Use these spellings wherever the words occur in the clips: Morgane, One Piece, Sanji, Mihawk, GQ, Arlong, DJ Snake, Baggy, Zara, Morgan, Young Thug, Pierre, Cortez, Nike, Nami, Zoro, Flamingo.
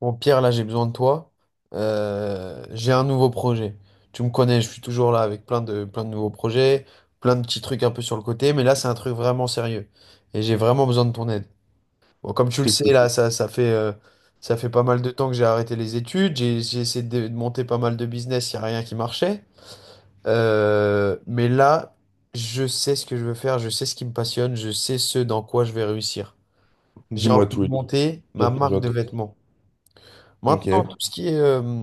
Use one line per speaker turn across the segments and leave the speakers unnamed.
Bon, Pierre, là, j'ai besoin de toi. J'ai un nouveau projet. Tu me connais, je suis toujours là avec plein de nouveaux projets, plein de petits trucs un peu sur le côté, mais là, c'est un truc vraiment sérieux. Et j'ai vraiment besoin de ton aide. Bon, comme tu le sais,
T'écoutes.
là, ça fait pas mal de temps que j'ai arrêté les études. J'ai essayé de monter pas mal de business, il n'y a rien qui marchait. Mais là, je sais ce que je veux faire, je sais ce qui me passionne, je sais ce dans quoi je vais réussir. J'ai
Dis-moi
envie
tout,
de
Elie.
monter ma
Bien sûr,
marque de
j'attends.
vêtements. Maintenant,
Ok.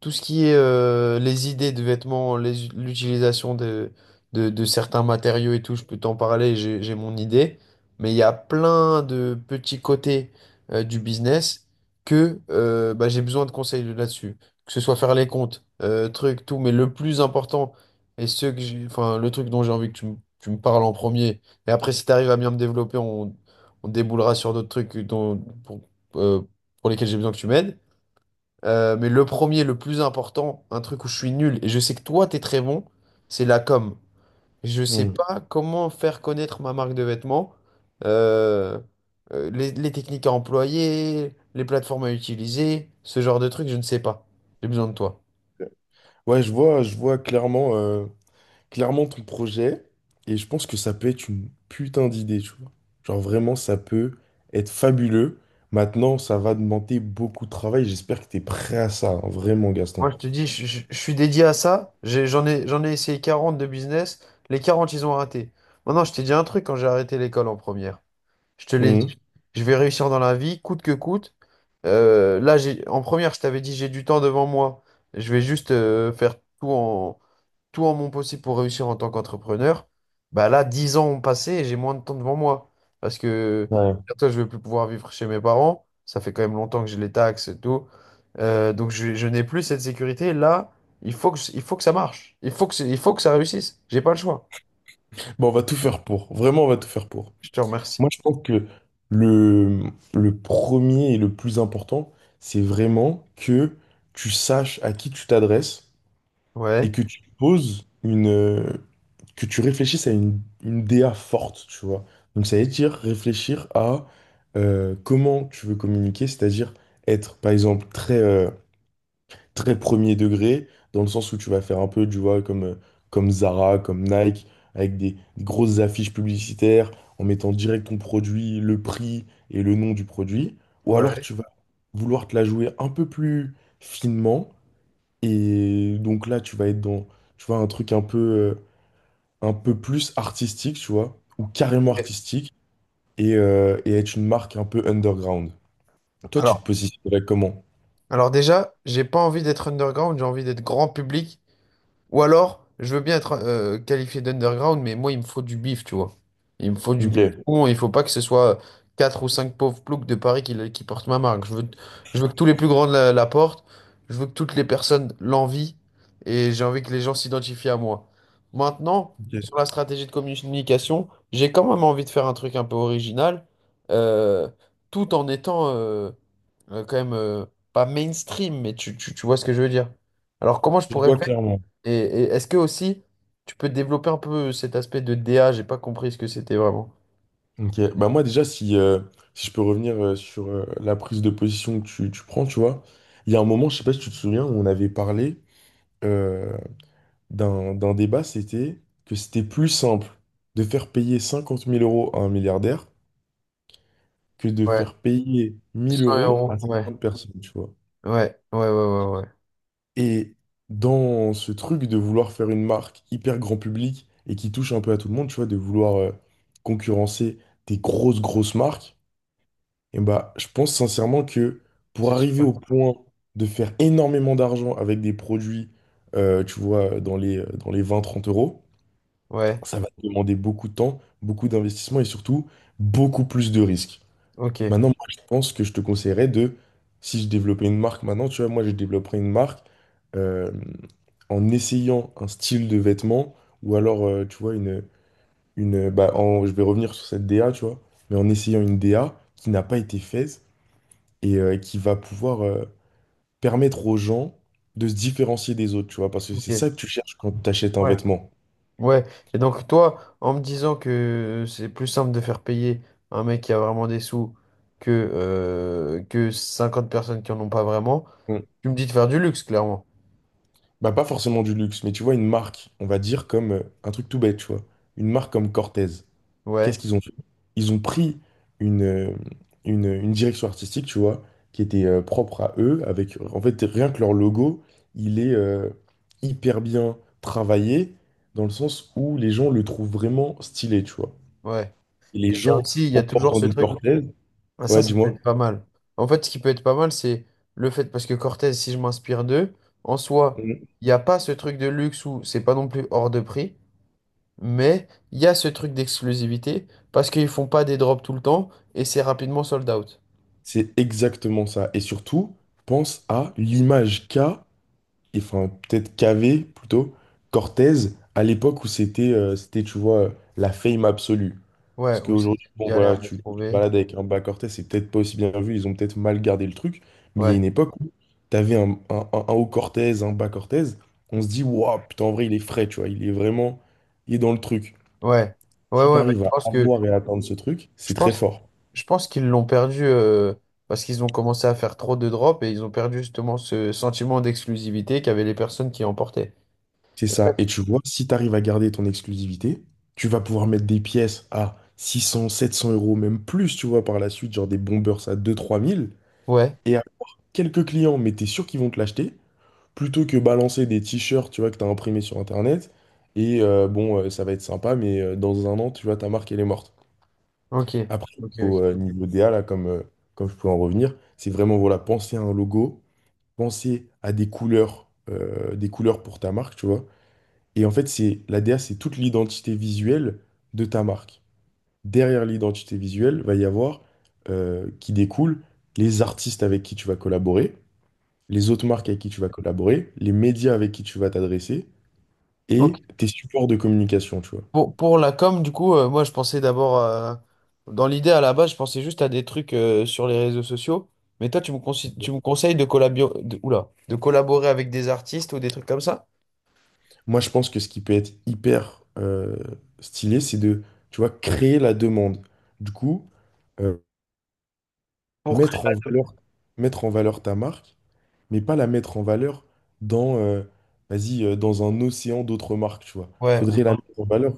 tout ce qui est les idées de vêtements, l'utilisation de certains matériaux et tout, je peux t'en parler, j'ai mon idée. Mais il y a plein de petits côtés du business que bah, j'ai besoin de conseils là-dessus. Que ce soit faire les comptes, trucs, tout. Mais le plus important, et ce que j'ai, enfin, le truc dont j'ai envie que tu me parles en premier, et après, si tu arrives à bien me développer, on déboulera sur d'autres trucs dont, pour, euh, pour lesquels j'ai besoin que tu m'aides. Mais le premier, le plus important, un truc où je suis nul et je sais que toi, t'es très bon, c'est la com. Je sais
Hmm.
pas comment faire connaître ma marque de vêtements, euh, les techniques à employer, les plateformes à utiliser, ce genre de trucs, je ne sais pas. J'ai besoin de toi.
Ouais, je vois clairement, clairement ton projet et je pense que ça peut être une putain d'idée, tu vois. Genre vraiment, ça peut être fabuleux. Maintenant, ça va demander beaucoup de travail. J'espère que t'es prêt à ça, hein, vraiment, Gaston.
Moi, je te dis, je suis dédié à ça. J'en ai essayé 40 de business. Les 40, ils ont raté. Maintenant, je t'ai dit un truc quand j'ai arrêté l'école en première. Je te l'ai
Hmm.
dit, je vais réussir dans la vie, coûte que coûte. Là, en première, je t'avais dit, j'ai du temps devant moi. Je vais juste faire tout en mon possible pour réussir en tant qu'entrepreneur. Bah là, 10 ans ont passé et j'ai moins de temps devant moi. Parce que
Ouais.
bientôt, je vais plus pouvoir vivre chez mes parents. Ça fait quand même longtemps que j'ai les taxes et tout. Donc, je n'ai plus cette sécurité. Là, il faut que ça marche. Il faut que ça réussisse. J'ai pas le choix.
Bon, on va tout faire pour. Vraiment, on va tout faire pour.
Je te remercie.
Moi, je pense que le, le premier et le plus important, c'est vraiment que tu saches à qui tu t'adresses et
Ouais,
que tu poses que tu réfléchisses à une DA forte, tu vois. Donc ça veut dire réfléchir à comment tu veux communiquer, c'est-à-dire être, par exemple, très premier degré, dans le sens où tu vas faire un peu, tu vois, comme Zara, comme Nike, avec des grosses affiches publicitaires, en mettant direct ton produit, le prix et le nom du produit. Ou alors
ouais.
tu vas vouloir te la jouer un peu plus finement et donc là, tu vas être dans, tu vois, un truc un peu, un peu plus artistique, tu vois, ou carrément
Et-
artistique, et être une marque un peu underground. Toi, tu te
Alors,
positionnerais comment?
alors déjà, j'ai pas envie d'être underground, j'ai envie d'être grand public. Ou alors, je veux bien être qualifié d'underground, mais moi, il me faut du bif, tu vois. Il me faut du
Ok.
bif bon, il faut pas que ce soit quatre ou cinq pauvres ploucs de Paris qui portent ma marque. Je veux que tous les plus grands la portent, je veux que toutes les personnes l'envient, et j'ai envie que les gens s'identifient à moi. Maintenant, sur
Ok,
la stratégie de communication, j'ai quand même envie de faire un truc un peu original, euh, tout en étant quand même pas mainstream, mais tu vois ce que je veux dire. Alors, comment je
je
pourrais.
vois clairement.
Et est-ce que aussi, tu peux développer un peu cet aspect de DA? J'ai pas compris ce que c'était vraiment.
Ok, bah moi déjà, si je peux revenir sur la prise de position que tu prends, tu vois, il y a un moment, je sais pas si tu te souviens, où on avait parlé euh, d'un, d'un débat, c'était que c'était plus simple de faire payer 50 000 euros à un milliardaire que de
Ouais,
faire payer 1000
100
euros
euros.
à
Ouais,
50 personnes, tu vois.
ouais, ouais, ouais, ouais, ouais.
Et dans ce truc de vouloir faire une marque hyper grand public et qui touche un peu à tout le monde, tu vois, de vouloir concurrencer des grosses, grosses marques, et bah, je pense sincèrement que pour
C'est
arriver
super.
au point de faire énormément d'argent avec des produits, tu vois, dans dans les 20 30 euros,
Ouais,
ça va te demander beaucoup de temps, beaucoup d'investissement et surtout beaucoup plus de risques.
ok,
Maintenant, moi, je pense que je te conseillerais de, si je développais une marque maintenant, tu vois, moi, je développerais une marque euh, en essayant un style de vêtement ou alors, tu vois, je vais revenir sur cette DA, tu vois, mais en essayant une DA qui n'a pas été faite et qui va pouvoir permettre aux gens de se différencier des autres, tu vois, parce que c'est ça
ok.
que tu cherches quand tu achètes un
Ouais.
vêtement.
Ouais. Et donc, toi, en me disant que c'est plus simple de faire payer un mec qui a vraiment des sous que 50 personnes qui en ont pas vraiment,
Mm.
tu me dis de faire du luxe, clairement.
Bah, pas forcément du luxe, mais tu vois, une marque, on va dire comme un truc tout bête, tu vois, une marque comme Cortez.
Ouais,
Qu'est-ce qu'ils ont fait? Ils ont pris une, euh, une direction artistique, tu vois, qui était propre à eux, avec en fait rien que leur logo, il est hyper bien travaillé, dans le sens où les gens le trouvent vraiment stylé, tu vois.
ouais.
Et les
Et là
gens,
aussi, il y a
en
toujours
portant
ce
du
truc.
Cortez,
Ah, ça,
ouais,
ça peut
dis-moi.
être pas mal. En fait, ce qui peut être pas mal, c'est le fait, parce que Cortez, si je m'inspire d'eux, en soi,
Mhm.
il n'y a pas ce truc de luxe où c'est pas non plus hors de prix, mais il y a ce truc d'exclusivité, parce qu'ils font pas des drops tout le temps, et c'est rapidement sold out.
C'est exactement ça. Et surtout, pense à l'image qu'a et enfin peut-être Cavé plutôt, Cortez, à l'époque où c'était, tu vois, la fame absolue.
Ouais,
Parce
ou c'est
qu'aujourd'hui, bon voilà,
galère de
tu te
trouver.
balades avec un bas Cortez, c'est peut-être pas aussi bien vu, ils ont peut-être mal gardé le truc, mais il y a une
Ouais,
époque où t'avais un haut Cortez, un bas Cortez, on se dit, waouh, putain, en vrai, il est frais, tu vois, il est vraiment, il est dans le truc.
ouais, ouais,
Si
ouais, mais
t'arrives
je
à
pense que,
avoir et à atteindre ce truc, c'est
je
très
pense,
fort.
je pense qu'ils l'ont perdu, parce qu'ils ont commencé à faire trop de drops, et ils ont perdu justement ce sentiment d'exclusivité qu'avaient les personnes qui emportaient.
C'est ça. Et tu vois, si tu arrives à garder ton exclusivité, tu vas pouvoir mettre des pièces à 600, 700 euros, même plus, tu vois, par la suite, genre des bombers à 2 000, 3 000,
Ouais.
et avoir quelques clients, mais t'es sûr qu'ils vont te l'acheter, plutôt que balancer des t-shirts, tu vois, que t'as imprimés sur Internet, et bon, ça va être sympa, mais dans un an, tu vois, ta marque, elle est morte.
Ok,
Après,
ok,
au
ok.
niveau DA, comme je peux en revenir, c'est vraiment, voilà, penser à un logo, penser à des couleurs pour ta marque, tu vois. Et en fait, c'est la DA, c'est toute l'identité visuelle de ta marque. Derrière l'identité visuelle, va y avoir qui découle les artistes avec qui tu vas collaborer, les autres marques avec qui tu vas collaborer, les médias avec qui tu vas t'adresser
Ok.
et tes supports de communication, tu vois.
Pour la com, du coup, moi je pensais d'abord, dans l'idée à la base, je pensais juste à des trucs sur les réseaux sociaux, mais toi tu me conseilles de, collabio- de, oula, de collaborer avec des artistes ou des trucs comme ça?
Moi, je pense que ce qui peut être hyper stylé, c'est de, tu vois, créer la demande. Du coup, euh,
Pour créer
mettre en
la.
valeur, mettre en valeur ta marque mais pas la mettre en valeur dans, euh, vas-y, dans un océan d'autres marques, tu vois.
Ouais, ou.
Faudrait la mettre en valeur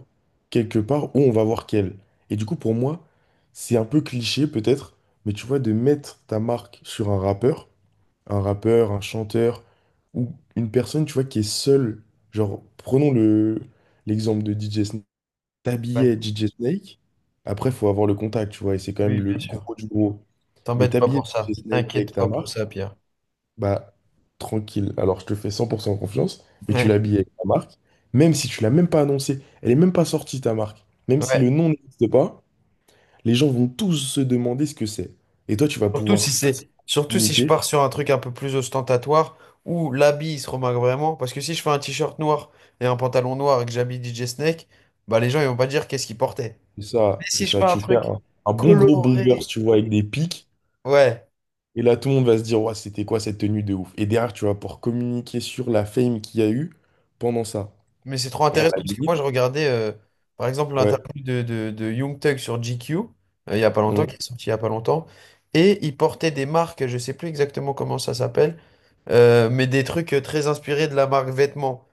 quelque part où on va voir qu'elle. Et du coup, pour moi, c'est un peu cliché peut-être, mais tu vois, de mettre ta marque sur un rappeur, un rappeur, un chanteur, ou une personne, tu vois, qui est seule. Genre, l'exemple de DJ Snake.
Ouais.
T'habillais DJ Snake, après, faut avoir le contact, tu vois, et c'est quand même
Oui,
le
bien sûr.
gros du gros. Mais
T'embête pas
t'habillais
pour ça.
DJ Snake avec
T'inquiète
ta
pas pour ça,
marque,
Pierre.
bah, tranquille. Alors, je te fais 100% confiance, mais tu
Ouais.
l'habilles avec ta marque, même si tu l'as même pas annoncée, elle est même pas sortie ta marque. Même si le
Ouais.
nom n'existe pas, les gens vont tous se demander ce que c'est. Et toi, tu vas pouvoir facilement
Surtout si je
communiquer.
pars sur un truc un peu plus ostentatoire où l'habit il se remarque vraiment. Parce que si je fais un t-shirt noir et un pantalon noir et que j'habille DJ Snake, bah les gens ils vont pas dire qu'est-ce qu'il portait.
C'est
Mais
ça, c'est
si je fais
ça.
un
Tu fais
truc
un bon gros bomber, si
coloré,
tu vois, avec des pics.
ouais,
Et là, tout le monde va se dire, ouais, c'était quoi cette tenue de ouf? Et derrière, tu vas pouvoir communiquer sur la fame qu'il y a eu pendant ça.
mais c'est trop
Et à
intéressant
la
parce que
limite,
moi je regardais par exemple
ouais.
l'interview de Young Thug sur GQ il y a pas longtemps, qui
Mmh.
est sorti il y a pas longtemps, et il portait des marques, je sais plus exactement comment ça s'appelle, mais des trucs très inspirés de la marque vêtements.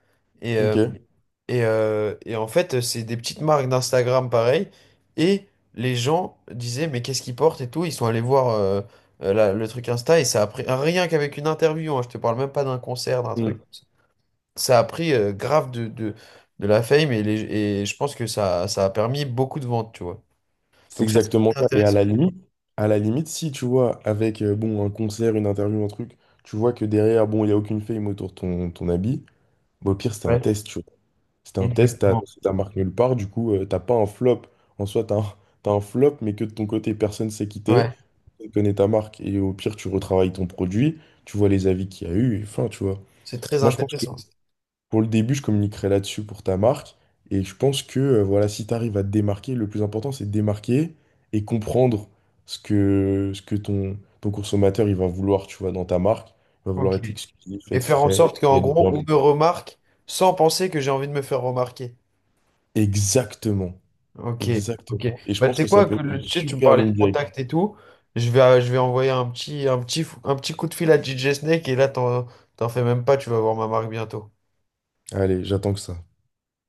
Et, euh,
Ok.
et en fait, c'est des petites marques d'Instagram pareil. Et les gens disaient, mais qu'est-ce qu'ils portent et tout. Ils sont allés voir le truc Insta et ça a pris rien qu'avec une interview, hein, je te parle même pas d'un concert, d'un truc.
Hmm.
Ça a pris grave de la fame et je pense que ça a permis beaucoup de ventes, tu vois.
C'est
Donc ça, c'est
exactement
très
ça. Et
intéressant.
à la limite, si tu vois, avec bon, un concert, une interview, un truc, tu vois que derrière, bon, il n'y a aucune fame autour de ton habit, bah, au pire, c'était un
Ouais,
test, tu vois. C'était un test,
exactement.
t'as marqué nulle part, du coup, t'as pas un flop. En soi, t'as un flop, mais que de ton côté, personne s'est quitté,
Ouais,
tu connais ta marque. Et au pire, tu retravailles ton produit, tu vois les avis qu'il y a eu, et enfin, tu vois.
c'est très
Moi, je pense que
intéressant, ça.
pour le début, je communiquerai là-dessus pour ta marque. Et je pense que voilà, si tu arrives à te démarquer, le plus important, c'est de démarquer et comprendre ce que ton consommateur il va vouloir, tu vois, dans ta marque. Il va vouloir
Ok.
être exclusif,
Et
être
faire en
frais,
sorte
et
qu'en
être
gros,
bien
on
vu.
me remarque sans penser que j'ai envie de me faire remarquer.
Exactement.
Ok.
Exactement. Et je
Bah, tu
pense
sais
que ça
quoi,
peut être une
tu sais, tu me
super
parlais de
ligne
contact
directrice.
et tout. Je vais envoyer un petit coup de fil à DJ Snake et là, t'en fais même pas, tu vas voir ma marque bientôt.
Allez, j'attends que ça.